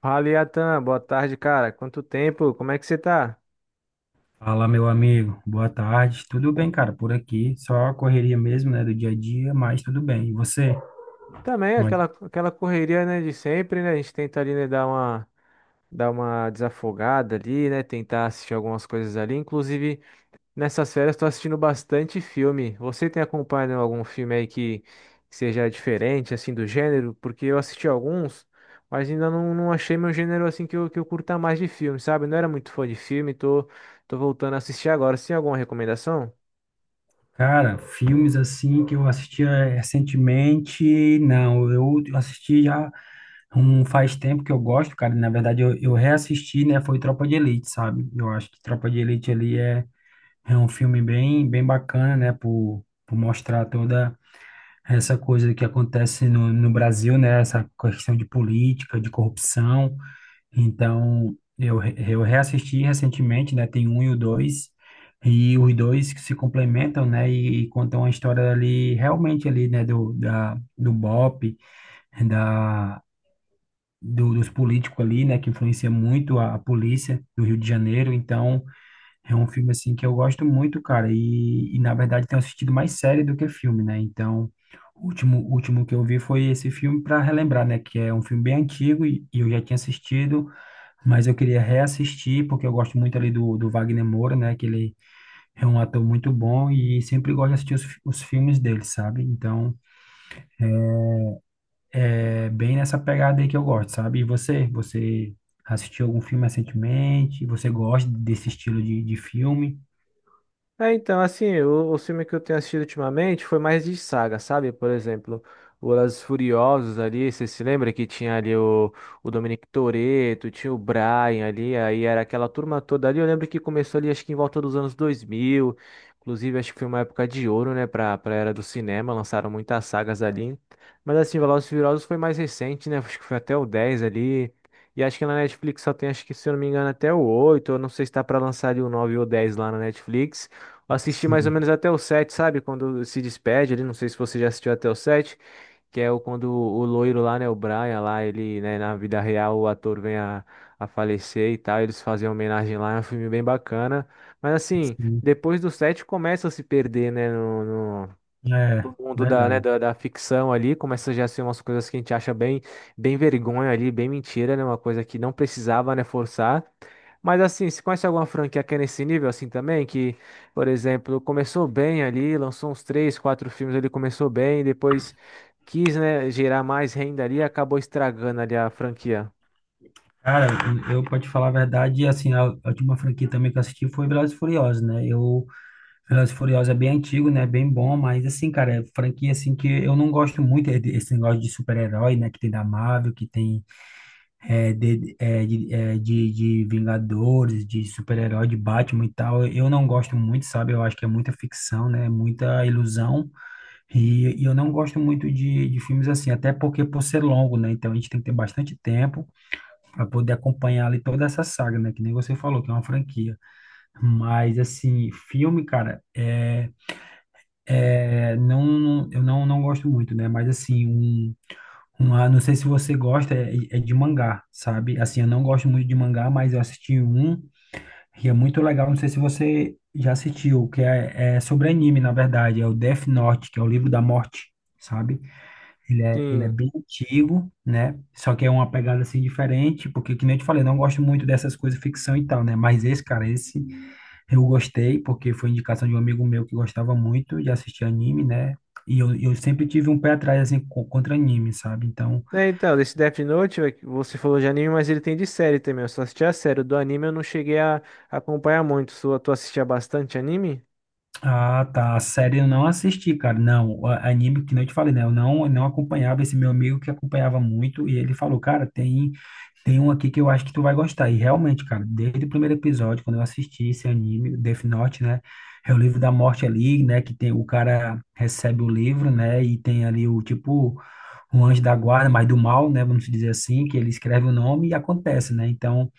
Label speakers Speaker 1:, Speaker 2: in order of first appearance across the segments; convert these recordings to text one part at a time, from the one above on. Speaker 1: Fala, Iatan. Boa tarde, cara. Quanto tempo? Como é que você tá?
Speaker 2: Fala, meu amigo. Boa tarde. Tudo bem, cara? Por aqui, só a correria mesmo, né, do dia a dia, mas tudo bem. E você?
Speaker 1: Também
Speaker 2: Como é?
Speaker 1: aquela correria, né, de sempre, né? A gente tenta ali, né, dar uma desafogada ali, né? Tentar assistir algumas coisas ali. Inclusive, nessas férias, tô assistindo bastante filme. Você tem acompanhado algum filme aí que seja diferente, assim, do gênero? Porque eu assisti alguns, mas ainda não achei meu gênero, assim, que eu curta mais de filme, sabe? Não era muito fã de filme, tô voltando a assistir agora. Você tem alguma recomendação?
Speaker 2: Cara, filmes assim que eu assistia recentemente, não, eu assisti já um faz tempo que eu gosto, cara. Na verdade, eu reassisti, né, foi Tropa de Elite, sabe? Eu acho que Tropa de Elite ali é um filme bem, bem bacana, né, por mostrar toda essa coisa que acontece no Brasil, né, essa questão de política, de corrupção. Então, eu reassisti recentemente, né? Tem um e o dois, e os dois que se complementam, né? E contam a história ali, realmente ali, né? Do BOP, da, dos políticos ali, né? Que influencia muito a polícia do Rio de Janeiro. Então, é um filme, assim, que eu gosto muito, cara. E na verdade, tenho assistido mais série do que filme, né? Então, o último que eu vi foi esse filme para relembrar, né? Que é um filme bem antigo e eu já tinha assistido mas eu queria reassistir, porque eu gosto muito ali do Wagner Moura, né? Que ele é um ator muito bom e sempre gosto de assistir os filmes dele, sabe? Então, é bem nessa pegada aí que eu gosto, sabe? E você? Você assistiu algum filme recentemente? Você gosta desse estilo de filme?
Speaker 1: É, então, assim, o filme que eu tenho assistido ultimamente foi mais de saga, sabe? Por exemplo, O Os Furiosos ali, você se lembra que tinha ali o Dominic Toretto, tinha o Brian ali, aí era aquela turma toda ali. Eu lembro que começou ali, acho que em volta dos anos 2000, inclusive acho que foi uma época de ouro, né, pra era do cinema, lançaram muitas sagas ali. Mas assim, Velozes e Furiosos foi mais recente, né, acho que foi até o 10 ali. E acho que na Netflix só tem, acho que se eu não me engano, até o oito. Eu não sei se tá pra lançar ali o 9 ou o 10 lá na Netflix. Eu assisti mais ou
Speaker 2: Sim,
Speaker 1: menos até o 7, sabe? Quando se despede ali, não sei se você já assistiu até o 7, que é o, quando o loiro lá, né, o Brian lá, ele, né, na vida real o ator vem a falecer e tal, eles fazem uma homenagem lá, é um filme bem bacana. Mas assim,
Speaker 2: sim.
Speaker 1: depois do 7 começa a se perder, né,
Speaker 2: É,
Speaker 1: do mundo da, né,
Speaker 2: verdade.
Speaker 1: da, da ficção ali, começa já a ser umas coisas que a gente acha bem, bem vergonha ali, bem mentira, né? Uma coisa que não precisava, né, forçar. Mas assim, você conhece alguma franquia que é nesse nível assim também? Que, por exemplo, começou bem ali, lançou uns três, quatro filmes ali, começou bem, depois quis, né, gerar mais renda ali e acabou estragando ali a franquia.
Speaker 2: Cara, eu pra te falar a verdade, assim, a última franquia também que eu assisti foi Velozes e Furiosos, né? Eu Velozes e Furiosos é bem antigo, né? Bem bom, mas assim, cara, é franquia assim que eu não gosto muito é esse negócio de super-herói, né? Que tem da Marvel, que tem de Vingadores, de super-herói, de Batman e tal. Eu não gosto muito, sabe? Eu acho que é muita ficção, né? Muita ilusão. E eu não gosto muito de filmes assim, até porque por ser longo, né? Então a gente tem que ter bastante tempo para poder acompanhar ali toda essa saga, né? Que nem você falou, que é uma franquia. Mas assim, filme, cara. É, não, eu não, não gosto muito, né? Mas assim, uma, não sei se você gosta, é de mangá, sabe? Assim, eu não gosto muito de mangá, mas eu assisti um e é muito legal. Não sei se você já assistiu, que é sobre anime, na verdade, é o Death Note, que é o livro da morte, sabe? Ele é
Speaker 1: Sim.
Speaker 2: bem antigo, né? Só que é uma pegada assim diferente, porque, que nem eu te falei, eu não gosto muito dessas coisas ficção e tal, né? Mas esse, cara, esse. Eu gostei, porque foi indicação de um amigo meu que gostava muito de assistir anime, né? E eu sempre tive um pé atrás, assim, contra anime, sabe? Então,
Speaker 1: É, então, desse Death Note, é que você falou de anime, mas ele tem de série também. Eu só assisti a série. O do anime eu não cheguei a acompanhar muito. Tu assistia bastante anime?
Speaker 2: ah, tá, a série eu não assisti, cara. Não, anime, que nem eu te falei, né? Eu não acompanhava esse meu amigo que acompanhava muito, e ele falou, cara, tem um aqui que eu acho que tu vai gostar. E realmente, cara, desde o primeiro episódio, quando eu assisti esse anime, Death Note, né? É o livro da morte ali, né? Que tem o cara recebe o livro, né? E tem ali o tipo, um anjo da guarda, mas do mal, né, vamos dizer assim, que ele escreve o nome e acontece, né? Então,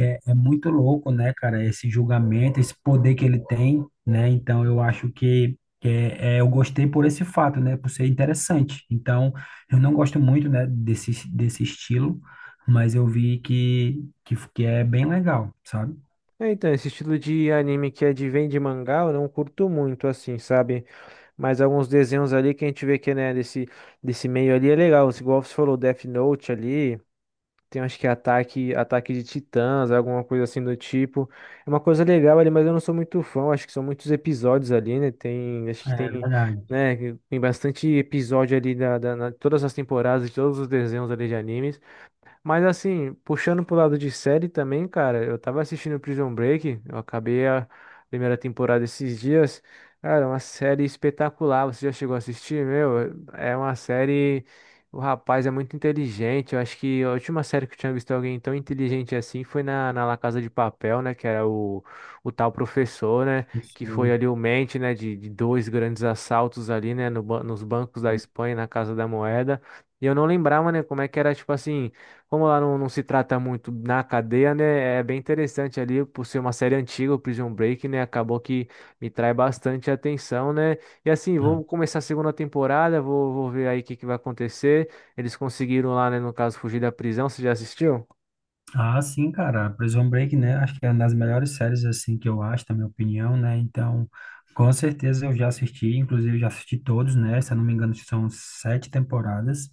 Speaker 2: é muito louco, né, cara, esse julgamento, esse poder que ele tem, né? Então, eu acho que eu gostei por esse fato, né, por ser interessante. Então, eu não gosto muito, né, desse estilo, mas eu vi que é bem legal, sabe?
Speaker 1: É, então, esse estilo de anime que é de vem de mangá, eu não curto muito, assim, sabe? Mas alguns desenhos ali que a gente vê que, né, desse, desse meio ali é legal. Igual você falou, Death Note ali, tem acho que Ataque, Ataque de Titãs, alguma coisa assim do tipo. É uma coisa legal ali, mas eu não sou muito fã, acho que são muitos episódios ali, né? Tem, acho
Speaker 2: É
Speaker 1: que tem,
Speaker 2: verdade.
Speaker 1: né, tem bastante episódio ali todas as temporadas, de todos os desenhos ali de animes. Mas assim, puxando pro lado de série também, cara, eu tava assistindo Prison Break, eu acabei a primeira temporada esses dias. Cara, é uma série espetacular, você já chegou a assistir? Meu, é uma série. O rapaz é muito inteligente. Eu acho que a última série que eu tinha visto alguém tão inteligente assim foi na, na La Casa de Papel, né? Que era o tal professor, né? Que
Speaker 2: Isso.
Speaker 1: foi ali o mente, né? De dois grandes assaltos ali, né? no ban- Nos bancos da Espanha, na Casa da Moeda. E eu não lembrava, né, como é que era, tipo assim, como lá não se trata muito na cadeia, né? É bem interessante ali, por ser uma série antiga, o Prison Break, né? Acabou que me trai bastante atenção, né? E assim, vou começar a segunda temporada, vou ver aí o que vai acontecer. Eles conseguiram lá, né, no caso, fugir da prisão. Você já assistiu?
Speaker 2: Ah, sim, cara, Prison Break, né? Acho que é uma das melhores séries, assim, que eu acho, na minha opinião, né? Então, com certeza eu já assisti, inclusive já assisti todos, né? Se eu não me engano, são sete temporadas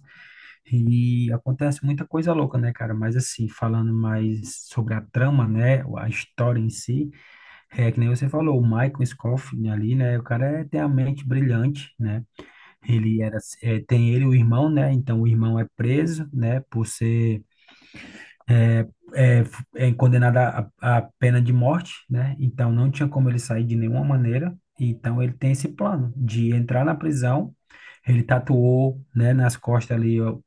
Speaker 2: e acontece muita coisa louca, né, cara? Mas, assim, falando mais sobre a trama, né? A história em si, é que nem você falou, o Michael Scofield ali, né? O cara tem a mente brilhante, né? Ele era, tem ele, e o irmão, né? Então, o irmão é preso, né? Por ser é, é condenada à pena de morte, né? Então não tinha como ele sair de nenhuma maneira. Então ele tem esse plano de entrar na prisão. Ele tatuou, né, nas costas ali ó,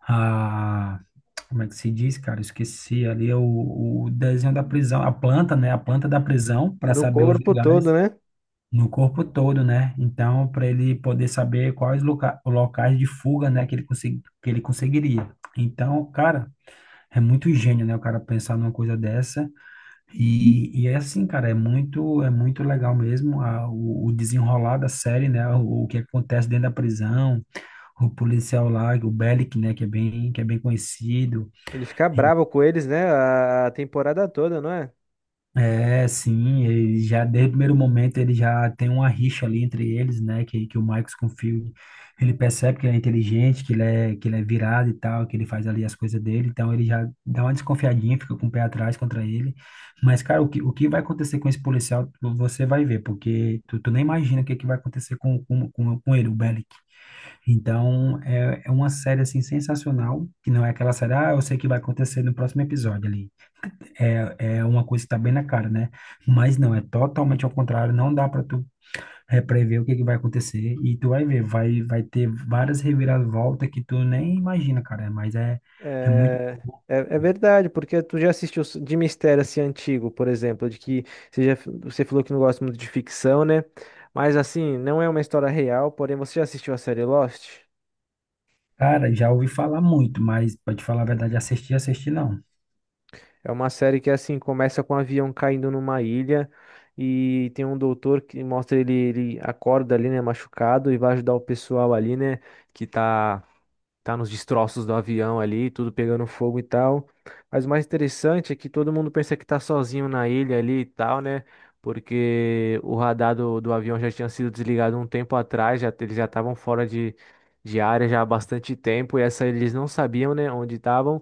Speaker 2: a como é que se diz, cara? Eu esqueci ali o desenho da prisão, a planta, né? A planta da prisão para
Speaker 1: No
Speaker 2: saber os
Speaker 1: corpo todo,
Speaker 2: lugares
Speaker 1: né?
Speaker 2: no corpo todo, né? Então, para ele poder saber quais locais de fuga, né, que ele conseguiria. Então, cara, é muito gênio, né? O cara pensar numa coisa dessa e é assim, cara, é muito legal mesmo o desenrolar da série, né? O que acontece dentro da prisão, o policial lá, o Bellic, né? Que é bem conhecido.
Speaker 1: Ele fica bravo com eles, né? A temporada toda, não é?
Speaker 2: É, sim, ele já desde o primeiro momento ele já tem uma rixa ali entre eles, né? Que o Marcos confia, ele percebe que ele é inteligente, que ele é virado e tal, que ele faz ali as coisas dele, então ele já dá uma desconfiadinha, fica com o pé atrás contra ele. Mas, cara, o que vai acontecer com esse policial, você vai ver, porque tu nem imagina o que vai acontecer com ele, o Bellic. Então, é uma série assim sensacional, que não é aquela série, ah, eu sei o que vai acontecer no próximo episódio ali. É uma coisa que tá bem na cara, né? Mas não, é totalmente ao contrário, não dá para tu prever o que que vai acontecer e tu vai ver, vai ter várias reviravoltas que tu nem imagina, cara, mas é muito.
Speaker 1: É, é verdade, porque tu já assistiu de mistério assim antigo, por exemplo, de que você já, você falou que não gosta muito de ficção, né? Mas assim, não é uma história real, porém você já assistiu a série Lost?
Speaker 2: Cara, já ouvi falar muito, mas pra te falar a verdade, assistir, assistir não.
Speaker 1: É uma série que assim começa com um avião caindo numa ilha e tem um doutor que mostra ele, ele acorda ali, né, machucado e vai ajudar o pessoal ali, né, que tá nos destroços do avião ali, tudo pegando fogo e tal. Mas o mais interessante é que todo mundo pensa que tá sozinho na ilha ali e tal, né? Porque o radar do avião já tinha sido desligado um tempo atrás, já, eles já estavam fora de área já há bastante tempo, e essa eles não sabiam, né, onde estavam.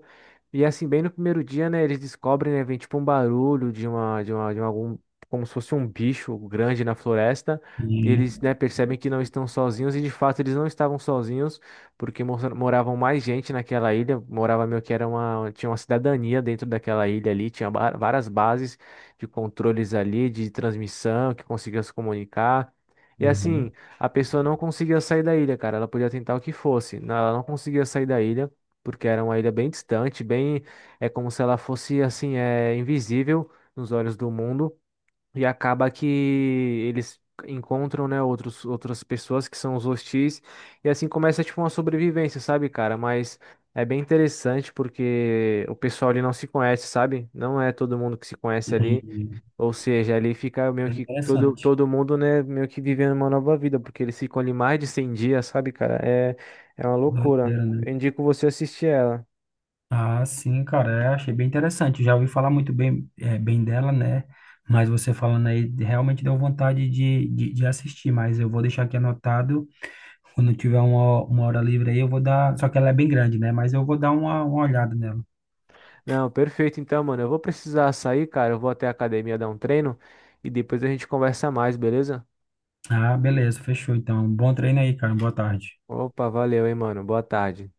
Speaker 1: E assim, bem no primeiro dia, né, eles descobrem, né, vem tipo um barulho algum, como se fosse um bicho grande na floresta.
Speaker 2: E,
Speaker 1: Eles, né, percebem que não estão sozinhos e de fato eles não estavam sozinhos porque moravam mais gente naquela ilha, morava meio que era uma, tinha uma cidadania dentro daquela ilha ali, tinha várias bases de controles ali, de transmissão, que conseguia se comunicar. E assim,
Speaker 2: uhum,
Speaker 1: a pessoa não conseguia sair da ilha, cara, ela podia tentar o que fosse, não- ela não conseguia sair da ilha, porque era uma ilha bem distante, bem, é como se ela fosse assim, é invisível nos olhos do mundo. E acaba que eles encontram, né, outros, outras pessoas que são os hostis. E assim começa, tipo, uma sobrevivência, sabe, cara? Mas é bem interessante porque o pessoal ali não se conhece, sabe? Não é todo mundo que se conhece ali.
Speaker 2: entendi.
Speaker 1: Ou seja, ali fica meio
Speaker 2: É
Speaker 1: que todo,
Speaker 2: interessante.
Speaker 1: todo mundo, né, meio que vivendo uma nova vida. Porque eles ficam ali mais de 100 dias, sabe, cara? É, é uma loucura.
Speaker 2: Doideira, né?
Speaker 1: Eu indico você assistir ela.
Speaker 2: Ah, sim, cara, achei bem interessante. Já ouvi falar muito bem, bem dela, né? Mas você falando aí realmente deu vontade de assistir. Mas eu vou deixar aqui anotado. Quando tiver uma hora livre aí, eu vou dar. Só que ela é bem grande, né? Mas eu vou dar uma olhada nela.
Speaker 1: Não, perfeito. Então, mano, eu vou precisar sair, cara. Eu vou até a academia dar um treino e depois a gente conversa mais, beleza?
Speaker 2: Ah, beleza, fechou. Então, bom treino aí, cara. Boa tarde.
Speaker 1: Opa, valeu, hein, mano. Boa tarde.